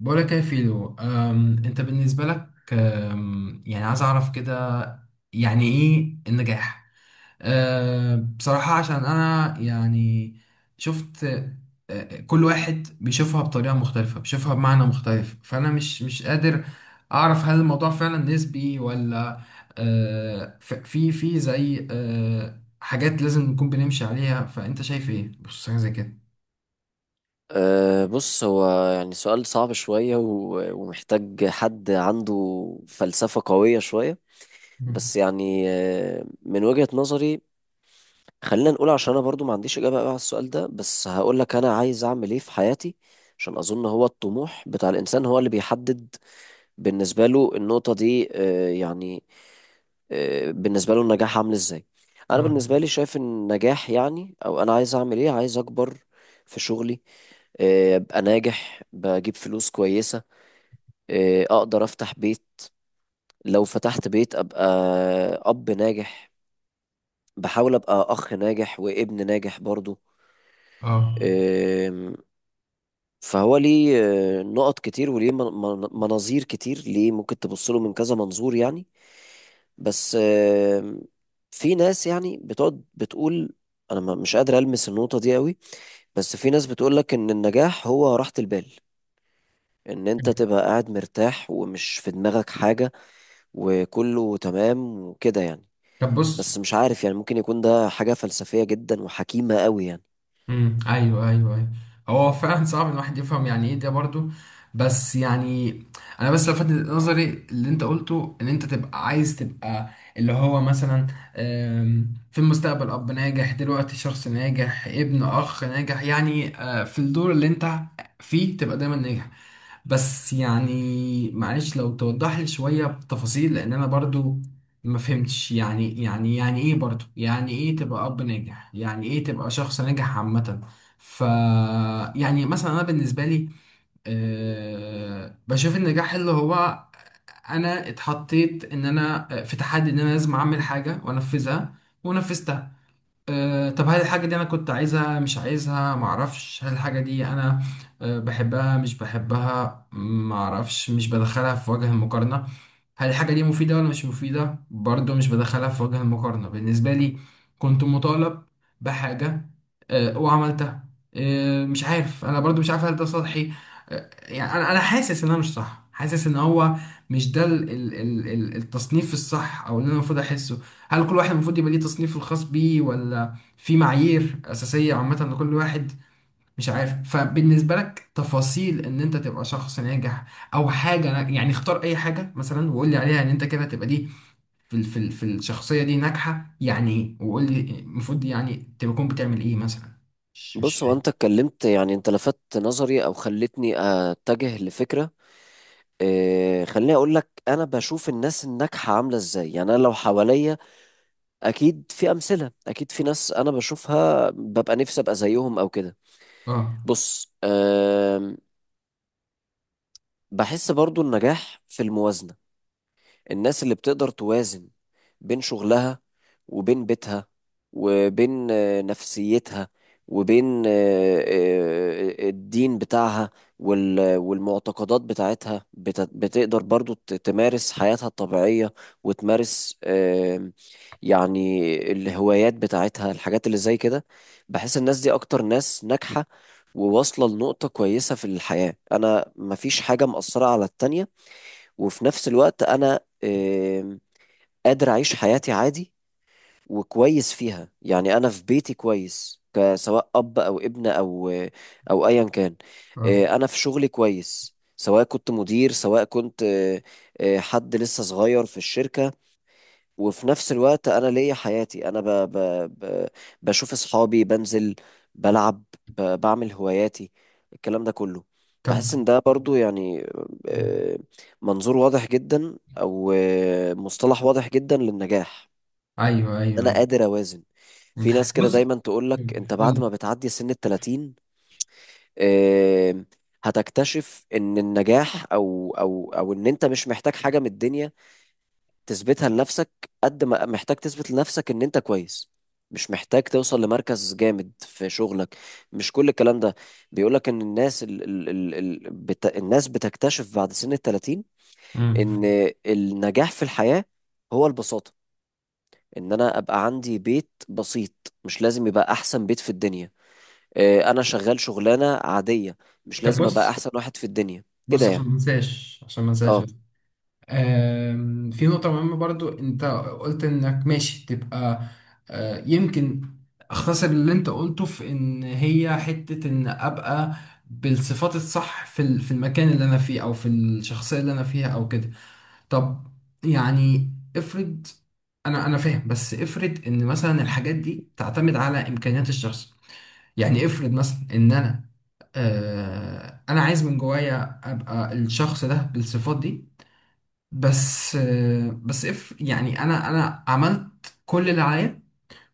بقولك يا فيلو، انت بالنسبة لك، يعني عايز اعرف كده يعني ايه النجاح؟ بصراحة عشان انا يعني شفت. كل واحد بيشوفها بطريقة مختلفة، بيشوفها بمعنى مختلف، فانا مش قادر اعرف هل الموضوع فعلا نسبي ولا. أه، ف- في في زي حاجات لازم نكون بنمشي عليها، فانت شايف ايه بخصوص حاجة زي كده؟ بص هو يعني سؤال صعب شوية ومحتاج حد عنده فلسفة قوية شوية. مم. بس يعني من وجهة نظري خلينا نقول، عشان أنا برضو ما عنديش إجابة بقى على السؤال ده، بس هقول لك أنا عايز أعمل إيه في حياتي. عشان أظن هو الطموح بتاع الإنسان هو اللي بيحدد بالنسبة له النقطة دي، يعني بالنسبة له النجاح عامل ازاي. انا اه. بالنسبة لي شايف ان النجاح يعني او انا عايز اعمل ايه، عايز اكبر في شغلي، ابقى ناجح، بجيب فلوس كويسة، اقدر افتح بيت. لو فتحت بيت ابقى اب ناجح، بحاول ابقى اخ ناجح وابن ناجح برضو. اه. آم، فهو ليه نقط كتير، وليه مناظير كتير، ليه ممكن تبص له من كذا منظور يعني. بس في ناس يعني بتقعد بتقول انا مش قادر المس النقطة دي قوي، بس في ناس بتقول لك ان النجاح هو راحة البال، ان انت تبقى قاعد مرتاح ومش في دماغك حاجة، وكله تمام وكده يعني. طب بص. بس مش عارف، يعني ممكن يكون ده حاجة فلسفية جدا وحكيمة قوي يعني. ايوه ايوه ايوه، هو فعلا صعب ان الواحد يفهم يعني ايه ده برضو. بس يعني انا بس لفت نظري اللي انت قلته، ان انت تبقى عايز تبقى اللي هو مثلا في المستقبل اب ناجح، دلوقتي شخص ناجح، ابن، اخ ناجح، يعني في الدور اللي انت فيه تبقى دايما ناجح. بس يعني معلش لو توضح لي شوية بتفاصيل، لان انا برضو ما فهمتش يعني يعني ايه برضو، يعني ايه تبقى اب ناجح، يعني ايه تبقى شخص ناجح عامة. ف يعني مثلا انا بالنسبة لي، بشوف النجاح اللي هو انا اتحطيت ان انا في تحدي ان انا لازم اعمل حاجة وانفذها، ونفذتها. أه طب هل الحاجة دي أنا كنت عايزها مش عايزها؟ معرفش. هل الحاجة دي أنا بحبها مش بحبها؟ معرفش. مش بدخلها في وجه المقارنة. هل الحاجة دي مفيدة ولا مش مفيدة؟ برضو مش بدخلها في وجه المقارنة. بالنسبة لي كنت مطالب بحاجة، وعملتها. مش عارف، أنا برضو مش عارف هل ده سطحي. يعني أنا حاسس إن أنا مش صح، حاسس إن هو مش ده ال التصنيف الصح، أو اللي أنا المفروض أحسه. هل كل واحد المفروض يبقى ليه تصنيفه الخاص بيه، ولا في معايير أساسية عامة لكل واحد؟ مش عارف. فبالنسبة لك تفاصيل إن أنت تبقى شخص ناجح، أو حاجة، يعني اختار أي حاجة مثلا وقول لي عليها إن أنت كده تبقى دي في الشخصية دي ناجحة يعني إيه، وقول لي المفروض يعني تكون بتعمل إيه مثلا. مش بص، هو فاهم. انت اتكلمت، يعني انت لفتت نظري او خلتني اتجه لفكرة، إيه، خليني اقول لك انا بشوف الناس الناجحة عاملة ازاي. يعني انا لو حواليا، اكيد في امثلة، اكيد في ناس انا بشوفها ببقى نفسي ابقى زيهم او كده. أه. بص، بحس برضو النجاح في الموازنة. الناس اللي بتقدر توازن بين شغلها وبين بيتها وبين نفسيتها وبين الدين بتاعها والمعتقدات بتاعتها، بتقدر برضو تمارس حياتها الطبيعية، وتمارس يعني الهوايات بتاعتها، الحاجات اللي زي كده. بحس الناس دي أكتر ناس ناجحة وواصلة لنقطة كويسة في الحياة، أنا مفيش حاجة مأثرة على التانية، وفي نفس الوقت انا قادر اعيش حياتي عادي وكويس فيها. يعني انا في بيتي كويس، سواء اب او ابن او ايا كان، أه. انا في شغلي كويس سواء كنت مدير، سواء كنت حد لسه صغير في الشركة، وفي نفس الوقت انا ليا حياتي، انا ب... بشوف اصحابي، بنزل، بلعب، بعمل هواياتي، الكلام ده كله. طب. بحس ان ده برضو يعني مم. آه، منظور واضح جدا، او مصطلح واضح جدا للنجاح، أيوه أيوه ان انا أيوه. قادر اوازن. مم. في ناس كده بص. دايما تقولك انت مم. قول بعد ما لي. بتعدي سن التلاتين آه، هتكتشف ان النجاح او او او ان انت مش محتاج حاجة من الدنيا تثبتها لنفسك، قد ما محتاج تثبت لنفسك ان انت كويس، مش محتاج توصل لمركز جامد في شغلك، مش كل الكلام ده. بيقولك ان الناس ال ال ال ال بت الناس بتكتشف بعد سن التلاتين مم. ان النجاح في الحياة هو البساطة، ان انا ابقى عندي بيت بسيط، مش لازم يبقى احسن بيت في الدنيا، انا شغال شغلانة عادية، مش طب لازم ابقى بص. احسن واحد في الدنيا كده بص عشان يعني. ما انساش، اه في نقطة مهمة برضو. انت قلت انك ماشي تبقى يمكن اختصر اللي انت قلته في ان هي حتة ان ابقى بالصفات الصح في في المكان اللي انا فيه، او في الشخصية اللي انا فيها، او كده. طب يعني افرض، انا فاهم، بس افرض ان مثلا الحاجات دي تعتمد على امكانيات الشخص. يعني افرض مثلا ان انا انا عايز من جوايا ابقى الشخص ده بالصفات دي، بس بس يعني انا عملت كل اللي عليا،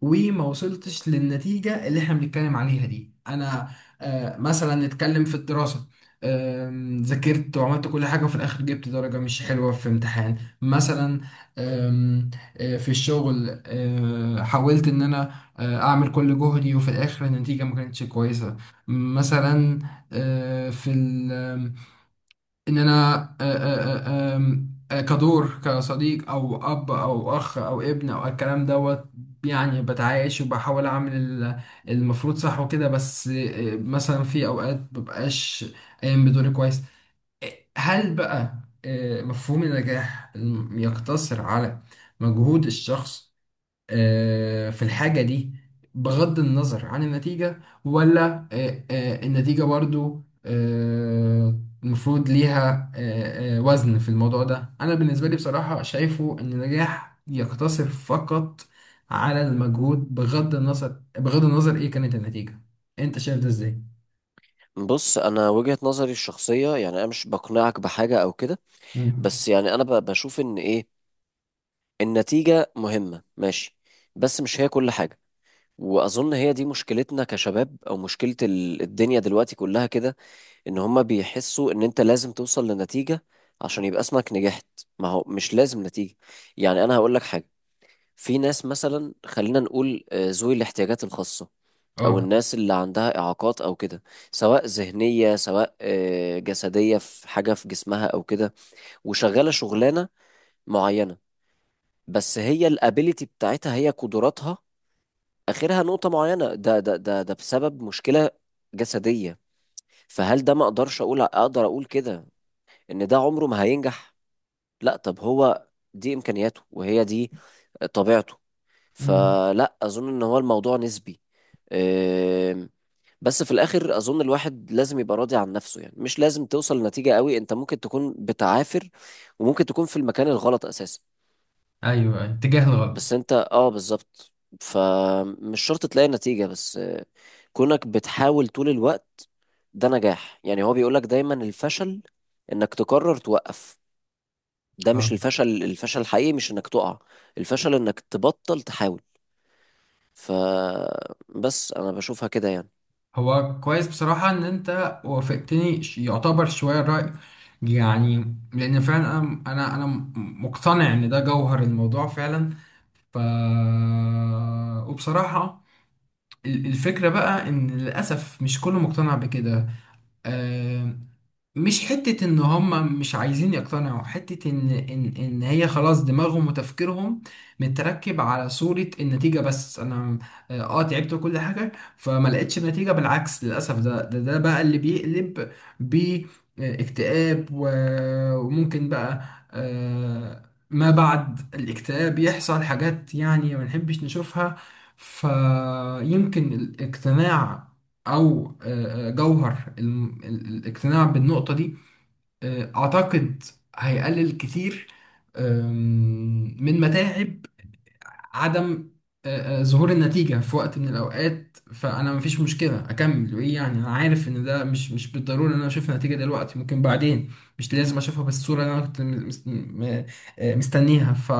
وما وصلتش للنتيجة اللي احنا بنتكلم عليها دي. انا مثلا نتكلم في الدراسة، ذاكرت وعملت كل حاجة، وفي الآخر جبت درجة مش حلوة في امتحان مثلا. آم، آه، في الشغل حاولت إن أنا أعمل كل جهدي، وفي الآخر النتيجة ما كانتش كويسة مثلا. في ان انا آه، آه، آه، آم، آه، كدور، كصديق او اب او اخ او ابن او الكلام دوت، يعني بتعايش وبحاول اعمل المفروض صح وكده، بس مثلا في اوقات مبقاش قايم بدوري كويس. هل بقى مفهوم النجاح يقتصر على مجهود الشخص في الحاجة دي بغض النظر عن النتيجة، ولا النتيجة برضو المفروض ليها وزن في الموضوع ده؟ أنا بالنسبة لي بصراحة شايفه إن النجاح يقتصر فقط على المجهود، بغض النظر إيه كانت النتيجة. أنت شايف ده إزاي؟ بص، انا وجهة نظري الشخصية، يعني انا مش بقنعك بحاجة او كده، مم. بس يعني انا بشوف ان ايه، النتيجة مهمة ماشي، بس مش هي كل حاجة. واظن هي دي مشكلتنا كشباب، او مشكلة الدنيا دلوقتي كلها كده، ان هما بيحسوا ان انت لازم توصل لنتيجة عشان يبقى اسمك نجحت. ما هو مش لازم نتيجة، يعني انا هقول لك حاجة. في ناس مثلا، خلينا نقول ذوي الاحتياجات الخاصة، او اه. الناس اللي عندها اعاقات او كده، سواء ذهنية سواء جسدية، في حاجة في جسمها او كده، وشغالة شغلانة معينة، بس هي الابيليتي بتاعتها، هي قدراتها اخرها نقطة معينة، ده بسبب مشكلة جسدية. فهل ده، ما اقدرش اقول اقدر اقول كده ان ده عمره ما هينجح. لا، طب هو دي امكانياته وهي دي طبيعته. مم. فلا اظن ان هو، الموضوع نسبي. أم، بس في الاخر اظن الواحد لازم يبقى راضي عن نفسه، يعني مش لازم توصل لنتيجة قوي، انت ممكن تكون بتعافر وممكن تكون في المكان الغلط اساسا، ايوه أيوه، اتجاه بس الغلط. انت اه بالظبط، فمش شرط تلاقي نتيجة، بس كونك بتحاول طول الوقت ده نجاح يعني. هو بيقولك دايما الفشل انك تقرر توقف، ده آه. مش الفشل، الفشل الحقيقي مش انك تقع، الفشل انك تبطل تحاول. فبس انا بشوفها كده يعني. هو كويس بصراحة إن أنت وافقتني يعتبر شوية الرأي، يعني لأن فعلا أنا مقتنع إن ده جوهر الموضوع فعلا. ف وبصراحة الفكرة بقى إن للأسف مش كله مقتنع بكده. مش حتة ان هم مش عايزين يقتنعوا، حتة ان هي خلاص دماغهم وتفكيرهم متركب على صورة النتيجة، بس انا تعبت وكل حاجة فما لقيتش نتيجة. بالعكس للأسف ده بقى اللي بيقلب باكتئاب، وممكن بقى آه، ما بعد الاكتئاب يحصل حاجات يعني ما نحبش نشوفها. فيمكن الاقتناع او جوهر الاقتناع بالنقطة دي اعتقد هيقلل كتير آم، من متاعب عدم ظهور النتيجة في وقت من الأوقات. فأنا مفيش مشكلة أكمل وإيه يعني. أنا عارف إن ده مش بالضرورة إن أنا أشوف النتيجة دلوقتي، ممكن بعدين، مش لازم أشوفها بالصورة اللي أنا كنت مستنيها. ف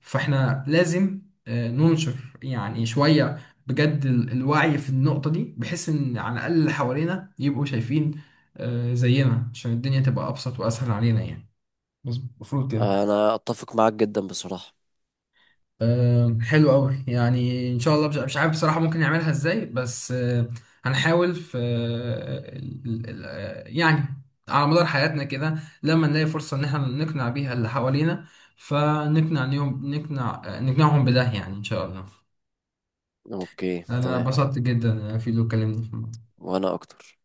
فإحنا لازم ننشر يعني شوية بجد الوعي في النقطة دي، بحيث إن على الأقل اللي حوالينا يبقوا شايفين زينا، عشان الدنيا تبقى أبسط وأسهل علينا يعني. مظبوط، المفروض كده. انا اتفق معاك جدا بصراحة. حلو قوي يعني، ان شاء الله. مش عارف بصراحه ممكن نعملها ازاي، بس هنحاول في يعني على مدار حياتنا كده لما نلاقي فرصه ان احنا نقنع بيها اللي حوالينا، فنقنع نيهم، نقنعهم بده يعني ان شاء الله. اوكي انا تمام. اتبسطت جدا في اللي اتكلمنا. وانا اكتر.